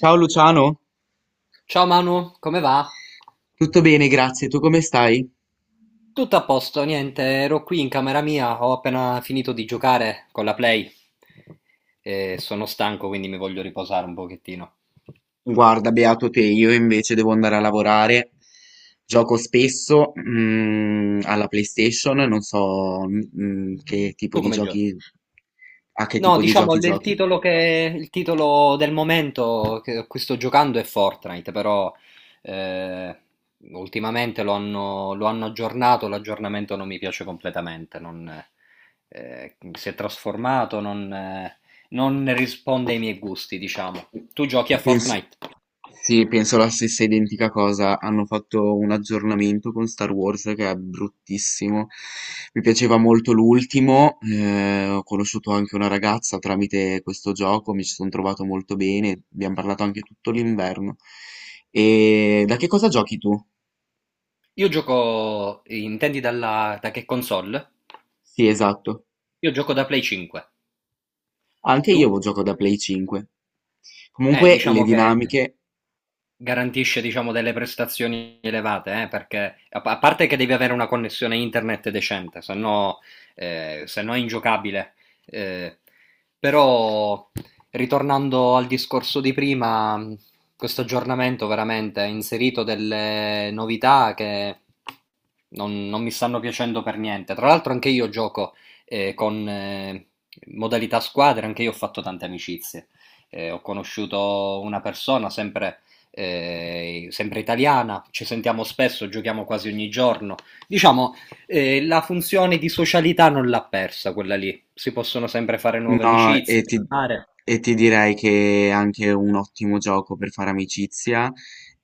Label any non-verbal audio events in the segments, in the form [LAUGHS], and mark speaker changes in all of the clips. Speaker 1: Ciao Luciano,
Speaker 2: Ciao Manu, come va?
Speaker 1: tutto bene, grazie. Tu come stai?
Speaker 2: Tutto a posto, niente, ero qui in camera mia, ho appena finito di giocare con la Play e sono stanco, quindi mi voglio riposare un pochettino.
Speaker 1: Guarda, beato te, io invece devo andare a lavorare. Gioco spesso alla PlayStation, non so che tipo
Speaker 2: Tu
Speaker 1: di
Speaker 2: come giochi?
Speaker 1: giochi, a che
Speaker 2: No,
Speaker 1: tipo di
Speaker 2: diciamo
Speaker 1: giochi
Speaker 2: il
Speaker 1: giochi.
Speaker 2: titolo che il titolo del momento che a cui sto giocando è Fortnite, però eh, ultimamente lo hanno aggiornato, l'aggiornamento non mi piace completamente, non, si è trasformato, non risponde ai miei gusti, diciamo. Tu giochi a
Speaker 1: Penso,
Speaker 2: Fortnite?
Speaker 1: sì, penso la stessa identica cosa. Hanno fatto un aggiornamento con Star Wars che è bruttissimo. Mi piaceva molto l'ultimo. Ho conosciuto anche una ragazza tramite questo gioco, mi ci sono trovato molto bene. Abbiamo parlato anche tutto l'inverno. E da che cosa giochi tu?
Speaker 2: Io gioco, da che console?
Speaker 1: Sì, esatto.
Speaker 2: Io gioco da Play 5.
Speaker 1: Anche
Speaker 2: Tu?
Speaker 1: io gioco da Play 5. Comunque le
Speaker 2: Diciamo che...
Speaker 1: dinamiche.
Speaker 2: garantisce diciamo delle prestazioni elevate, perché a parte che devi avere una connessione internet decente, se no, se no è ingiocabile. Eh, però, ritornando al discorso di prima, questo aggiornamento veramente ha inserito delle novità che non mi stanno piacendo per niente. Tra l'altro anche io gioco con modalità squadra, anche io ho fatto tante amicizie. Ho conosciuto una persona sempre italiana, ci sentiamo spesso, giochiamo quasi ogni giorno. Diciamo, la funzione di socialità non l'ha persa quella lì. Si possono sempre fare nuove
Speaker 1: No, e
Speaker 2: amicizie,
Speaker 1: ti,
Speaker 2: parlare,
Speaker 1: e ti direi che è anche un ottimo gioco per fare amicizia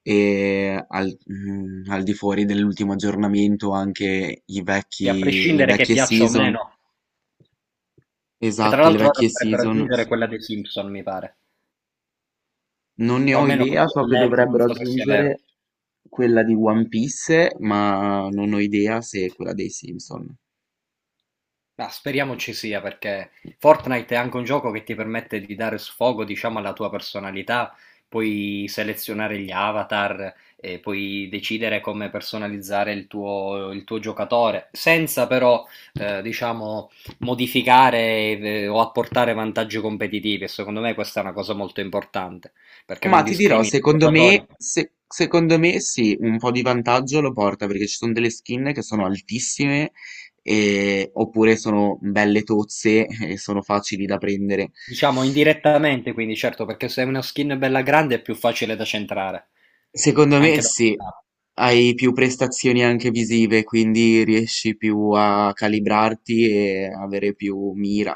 Speaker 1: e al di fuori dell'ultimo aggiornamento anche
Speaker 2: e a
Speaker 1: le
Speaker 2: prescindere che
Speaker 1: vecchie
Speaker 2: piaccia o
Speaker 1: season,
Speaker 2: meno, che tra
Speaker 1: esatto, le
Speaker 2: l'altro ora
Speaker 1: vecchie
Speaker 2: dovrebbero
Speaker 1: season,
Speaker 2: aggiungere quella dei Simpson, mi pare.
Speaker 1: non ne
Speaker 2: O
Speaker 1: ho
Speaker 2: almeno
Speaker 1: idea,
Speaker 2: così ho
Speaker 1: so che
Speaker 2: letto, non
Speaker 1: dovrebbero
Speaker 2: so se sia vero.
Speaker 1: aggiungere quella di One Piece, ma non ho idea se è quella dei Simpson.
Speaker 2: Ma speriamo ci sia perché Fortnite è anche un gioco che ti permette di dare sfogo, diciamo, alla tua personalità, puoi selezionare gli avatar, e puoi decidere come personalizzare il tuo giocatore, senza però, diciamo, modificare o apportare vantaggi competitivi. E secondo me questa è una cosa molto importante perché non
Speaker 1: Ma ti dirò,
Speaker 2: discrimina i
Speaker 1: secondo
Speaker 2: giocatori,
Speaker 1: me, secondo me sì, un po' di vantaggio lo porta perché ci sono delle skin che sono altissime oppure sono belle tozze [LAUGHS] e sono facili da prendere.
Speaker 2: diciamo, indirettamente, quindi certo, perché se hai una skin bella grande è più facile da centrare,
Speaker 1: Secondo me
Speaker 2: anche da
Speaker 1: sì,
Speaker 2: portare.
Speaker 1: hai più prestazioni anche visive, quindi riesci più a calibrarti e avere più mira,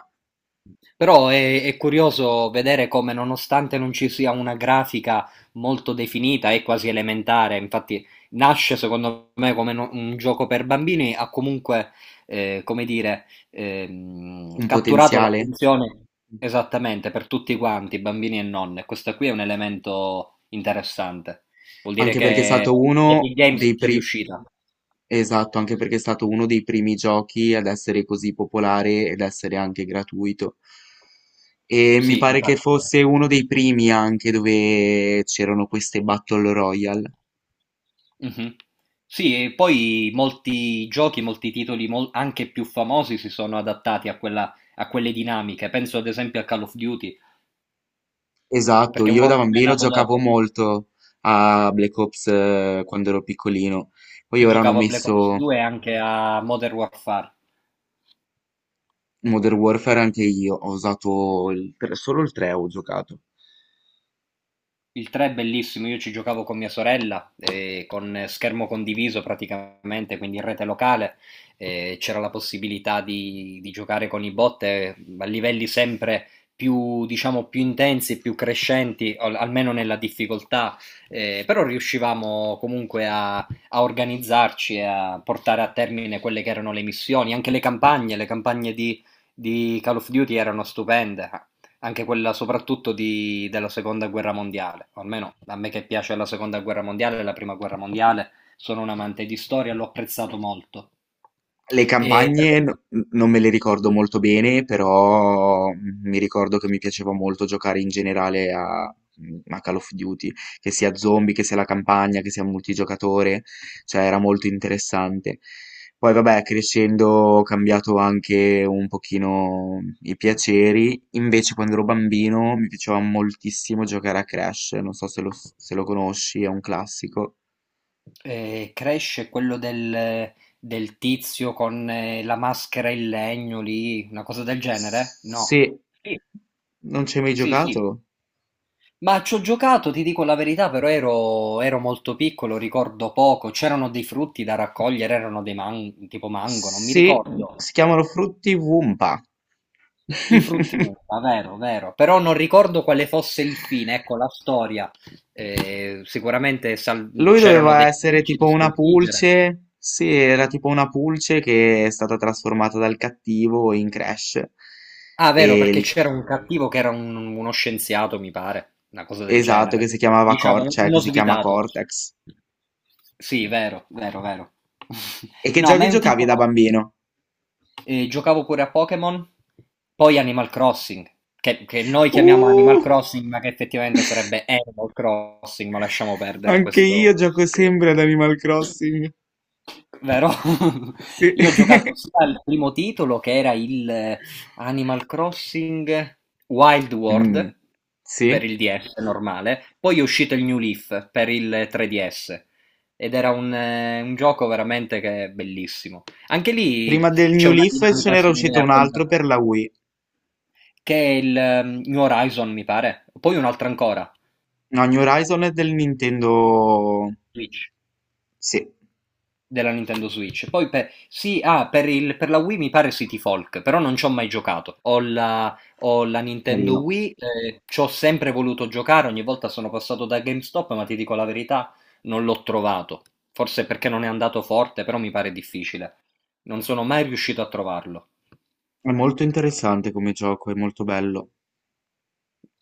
Speaker 2: Però è curioso vedere come, nonostante non ci sia una grafica molto definita, è quasi elementare. Infatti, nasce secondo me come un gioco per bambini, ha comunque, eh, come dire,
Speaker 1: un
Speaker 2: catturato
Speaker 1: potenziale.
Speaker 2: l'attenzione esattamente per tutti quanti, bambini e nonne. Questo qui è un elemento interessante. Vuol dire
Speaker 1: Anche perché è
Speaker 2: che
Speaker 1: stato
Speaker 2: Epic
Speaker 1: uno
Speaker 2: Games è riuscita.
Speaker 1: esatto, anche perché è stato uno dei primi giochi ad essere così popolare ed essere anche gratuito. E mi
Speaker 2: Sì,
Speaker 1: pare che
Speaker 2: infatti.
Speaker 1: fosse uno dei primi anche dove c'erano queste Battle Royale.
Speaker 2: Mh-mh. Sì, e poi molti giochi, molti titoli mol anche più famosi si sono adattati a quella a quelle dinamiche. Penso ad esempio a Call of Duty,
Speaker 1: Esatto,
Speaker 2: perché
Speaker 1: io da
Speaker 2: Warzone è
Speaker 1: bambino
Speaker 2: nato
Speaker 1: giocavo
Speaker 2: dopo.
Speaker 1: molto a Black Ops, quando ero piccolino. Poi
Speaker 2: Io
Speaker 1: ora hanno
Speaker 2: giocavo a Black Ops
Speaker 1: messo
Speaker 2: 2 e anche a Modern Warfare.
Speaker 1: Modern Warfare anche io, ho usato il 3.
Speaker 2: Il 3 è bellissimo, io ci giocavo con mia sorella, con schermo condiviso praticamente, quindi in rete locale, c'era la possibilità di giocare con i bot, a livelli sempre più diciamo, più intensi e più crescenti, al almeno nella difficoltà, però riuscivamo comunque a organizzarci e a portare a termine quelle che erano le missioni, anche le campagne, le campagne di Call of Duty erano stupende, anche quella soprattutto della seconda guerra mondiale, o almeno a me che piace la seconda guerra mondiale e la prima guerra mondiale, sono un amante di storia, l'ho apprezzato molto.
Speaker 1: Le
Speaker 2: E per
Speaker 1: campagne n-
Speaker 2: quanto-
Speaker 1: Non me le ricordo molto bene, però mi ricordo che mi piaceva molto giocare in generale a Call of Duty, che sia zombie, che sia la campagna, che sia multigiocatore, cioè era molto interessante. Poi vabbè, crescendo ho cambiato anche un pochino i piaceri, invece quando ero bambino mi piaceva moltissimo giocare a Crash, non so se lo conosci, è un classico.
Speaker 2: eh, Crash è quello del tizio con la maschera in legno lì, una cosa del genere? No.
Speaker 1: Se
Speaker 2: Sì,
Speaker 1: non ci hai mai
Speaker 2: sì, sì.
Speaker 1: giocato?
Speaker 2: Ma ci ho giocato, ti dico la verità, però ero molto piccolo, ricordo poco. C'erano dei frutti da raccogliere, erano dei tipo mango, non mi
Speaker 1: Sì,
Speaker 2: ricordo.
Speaker 1: si chiamano Frutti Wumpa.
Speaker 2: I frutti
Speaker 1: [LAUGHS]
Speaker 2: uva, vero, vero. Però non ricordo quale fosse il fine, ecco la storia.
Speaker 1: Lui
Speaker 2: C'erano
Speaker 1: doveva
Speaker 2: dei
Speaker 1: essere
Speaker 2: nemici
Speaker 1: tipo
Speaker 2: da
Speaker 1: una
Speaker 2: sconfiggere.
Speaker 1: pulce. Sì, era tipo una pulce che è stata trasformata dal cattivo in Crash.
Speaker 2: Ah, vero,
Speaker 1: E
Speaker 2: perché
Speaker 1: il-
Speaker 2: c'era un cattivo che era uno scienziato, mi pare, una cosa del
Speaker 1: esatto, che
Speaker 2: genere.
Speaker 1: si chiamava
Speaker 2: Diciamo,
Speaker 1: Cor- cioè che
Speaker 2: uno
Speaker 1: si chiama
Speaker 2: svitato.
Speaker 1: Cortex.
Speaker 2: Sì, vero, vero, vero. [LAUGHS]
Speaker 1: E che
Speaker 2: No, ma è
Speaker 1: giochi
Speaker 2: un
Speaker 1: giocavi
Speaker 2: tipo
Speaker 1: da bambino?
Speaker 2: e giocavo pure a Pokémon, poi Animal Crossing, che noi chiamiamo Animal
Speaker 1: Uh,
Speaker 2: Crossing, ma che effettivamente sarebbe Animal Crossing, ma lasciamo perdere
Speaker 1: anche
Speaker 2: questo...
Speaker 1: io gioco
Speaker 2: eh,
Speaker 1: sempre ad Animal Crossing.
Speaker 2: Vero? [LAUGHS]
Speaker 1: Sì.
Speaker 2: Io ho
Speaker 1: [LAUGHS]
Speaker 2: giocato sia al primo titolo che era il Animal Crossing Wild
Speaker 1: Mm,
Speaker 2: World per
Speaker 1: sì.
Speaker 2: il DS normale, poi è uscito il New Leaf per il 3DS ed era un gioco veramente che è bellissimo. Anche lì
Speaker 1: Prima del
Speaker 2: c'è
Speaker 1: New
Speaker 2: una
Speaker 1: Leaf ce
Speaker 2: dinamica
Speaker 1: n'era
Speaker 2: simile
Speaker 1: uscito un
Speaker 2: a
Speaker 1: altro
Speaker 2: quella,
Speaker 1: per la Wii.
Speaker 2: che è il New Horizon, mi pare. Poi un'altra ancora,
Speaker 1: No, New Horizon è del Nintendo...
Speaker 2: Switch,
Speaker 1: Sì,
Speaker 2: della Nintendo Switch. Poi per, sì, ah, per, per la Wii mi pare City Folk, però non ci ho mai giocato. Ho la Nintendo
Speaker 1: carino.
Speaker 2: Wii, ci ho sempre voluto giocare, ogni volta sono passato da GameStop, ma ti dico la verità, non l'ho trovato. Forse perché non è andato forte, però mi pare difficile. Non sono mai riuscito a trovarlo.
Speaker 1: È molto interessante come gioco, è molto bello.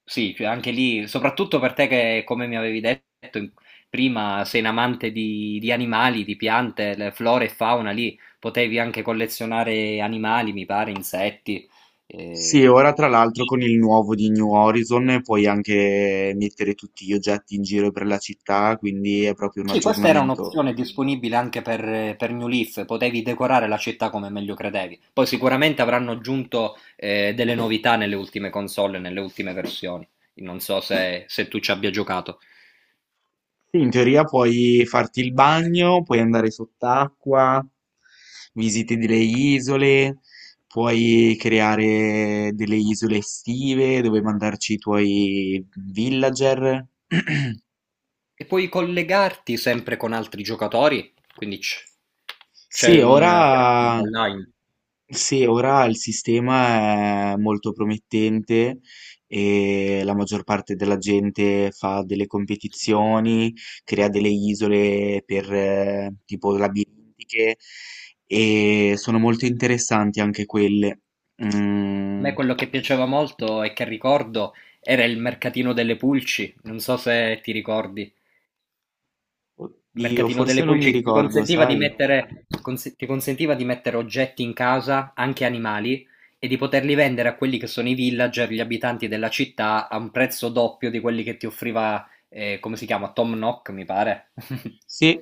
Speaker 2: Sì, cioè anche lì, soprattutto per te che, come mi avevi prima, sei un amante di animali, di piante, le flora e fauna, lì potevi anche collezionare animali, mi pare, insetti.
Speaker 1: Sì,
Speaker 2: Eh.
Speaker 1: ora tra l'altro con il nuovo di New Horizon puoi anche mettere tutti gli oggetti in giro per la città, quindi è proprio un
Speaker 2: Sì, questa era
Speaker 1: aggiornamento.
Speaker 2: un'opzione disponibile anche per New Leaf, potevi decorare la città come meglio credevi. Poi sicuramente avranno aggiunto delle novità nelle ultime console, nelle ultime versioni. Non so se tu ci abbia giocato.
Speaker 1: Sì, in teoria puoi farti il bagno, puoi andare sott'acqua, visiti delle isole, puoi creare delle isole estive dove mandarci i tuoi villager. [CLEARS THROAT]
Speaker 2: E puoi collegarti sempre con altri giocatori, quindi c'è
Speaker 1: Sì,
Speaker 2: una piattaforma
Speaker 1: ora,
Speaker 2: online.
Speaker 1: sì, ora il sistema è molto promettente e la maggior parte della gente fa delle competizioni, crea delle isole per tipo labirintiche e sono molto interessanti anche quelle.
Speaker 2: A
Speaker 1: Mm,
Speaker 2: me quello che piaceva molto e che ricordo era il mercatino delle pulci, non so se ti ricordi. Il
Speaker 1: oddio,
Speaker 2: mercatino delle
Speaker 1: forse non mi
Speaker 2: pulci che ti
Speaker 1: ricordo,
Speaker 2: consentiva di
Speaker 1: sai?
Speaker 2: mettere, ti consentiva di mettere oggetti in casa, anche animali, e di poterli vendere a quelli che sono i villager, gli abitanti della città, a un prezzo doppio di quelli che ti offriva, come si chiama, Tom Nook, mi pare. [LAUGHS]
Speaker 1: Sì,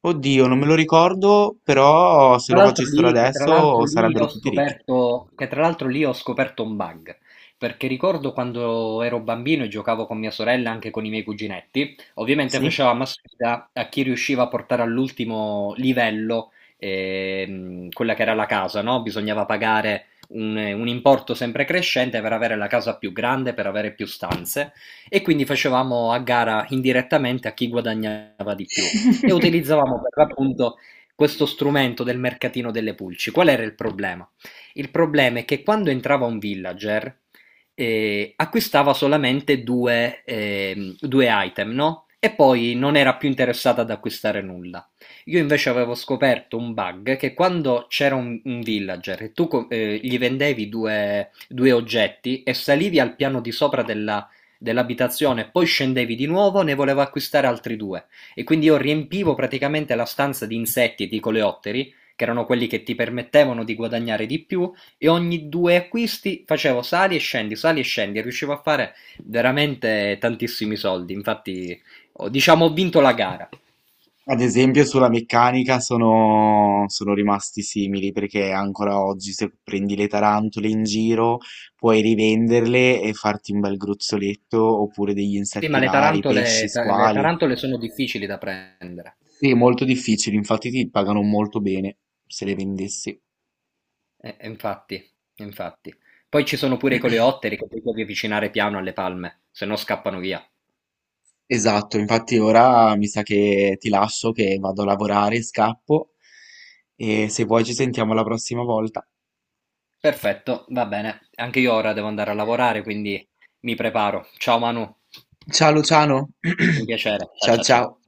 Speaker 1: oddio, non me lo ricordo, però se
Speaker 2: Tra
Speaker 1: lo
Speaker 2: l'altro
Speaker 1: facessero
Speaker 2: lì, che tra l'altro
Speaker 1: adesso
Speaker 2: lì
Speaker 1: sarebbero
Speaker 2: ho
Speaker 1: tutti ricchi.
Speaker 2: scoperto, che tra l'altro lì ho scoperto un bug, perché ricordo quando ero bambino e giocavo con mia sorella, e anche con i miei cuginetti, ovviamente
Speaker 1: Sì.
Speaker 2: facevamo a sfida a chi riusciva a portare all'ultimo livello quella che era la casa, no? Bisognava pagare un importo sempre crescente per avere la casa più grande, per avere più stanze, e quindi facevamo a gara indirettamente a chi guadagnava di più e
Speaker 1: [LAUGHS]
Speaker 2: utilizzavamo per l'appunto questo strumento del mercatino delle pulci. Qual era il problema? Il problema è che quando entrava un villager acquistava solamente due item, no? E poi non era più interessata ad acquistare nulla. Io invece avevo scoperto un bug che quando c'era un villager e tu gli vendevi due oggetti e salivi al piano di sopra dell'abitazione, poi scendevi di nuovo, ne volevo acquistare altri due. E quindi io riempivo praticamente la stanza di insetti e di coleotteri, che erano quelli che ti permettevano di guadagnare di più, e ogni due acquisti facevo sali e scendi, e riuscivo a fare veramente tantissimi soldi. Infatti, diciamo, ho vinto la gara.
Speaker 1: Ad esempio sulla meccanica sono rimasti simili perché ancora oggi se prendi le tarantole in giro puoi rivenderle e farti un bel gruzzoletto oppure degli
Speaker 2: Sì,
Speaker 1: insetti
Speaker 2: ma le
Speaker 1: rari, pesci,
Speaker 2: tarantole, le
Speaker 1: squali.
Speaker 2: tarantole sono difficili da prendere.
Speaker 1: Sì, è molto difficile, infatti ti pagano molto bene se le vendessi.
Speaker 2: Infatti, infatti. Poi ci sono pure i coleotteri che ti devi avvicinare piano alle palme, se no scappano via.
Speaker 1: Esatto, infatti ora mi sa che ti lascio che vado a lavorare, scappo e se vuoi ci sentiamo la prossima volta.
Speaker 2: Perfetto, va bene. Anche io ora devo andare a lavorare, quindi mi preparo. Ciao Manu, è
Speaker 1: Ciao Luciano,
Speaker 2: stato un
Speaker 1: [CLEARS THROAT]
Speaker 2: piacere. Ciao
Speaker 1: ciao
Speaker 2: ciao ciao.
Speaker 1: ciao.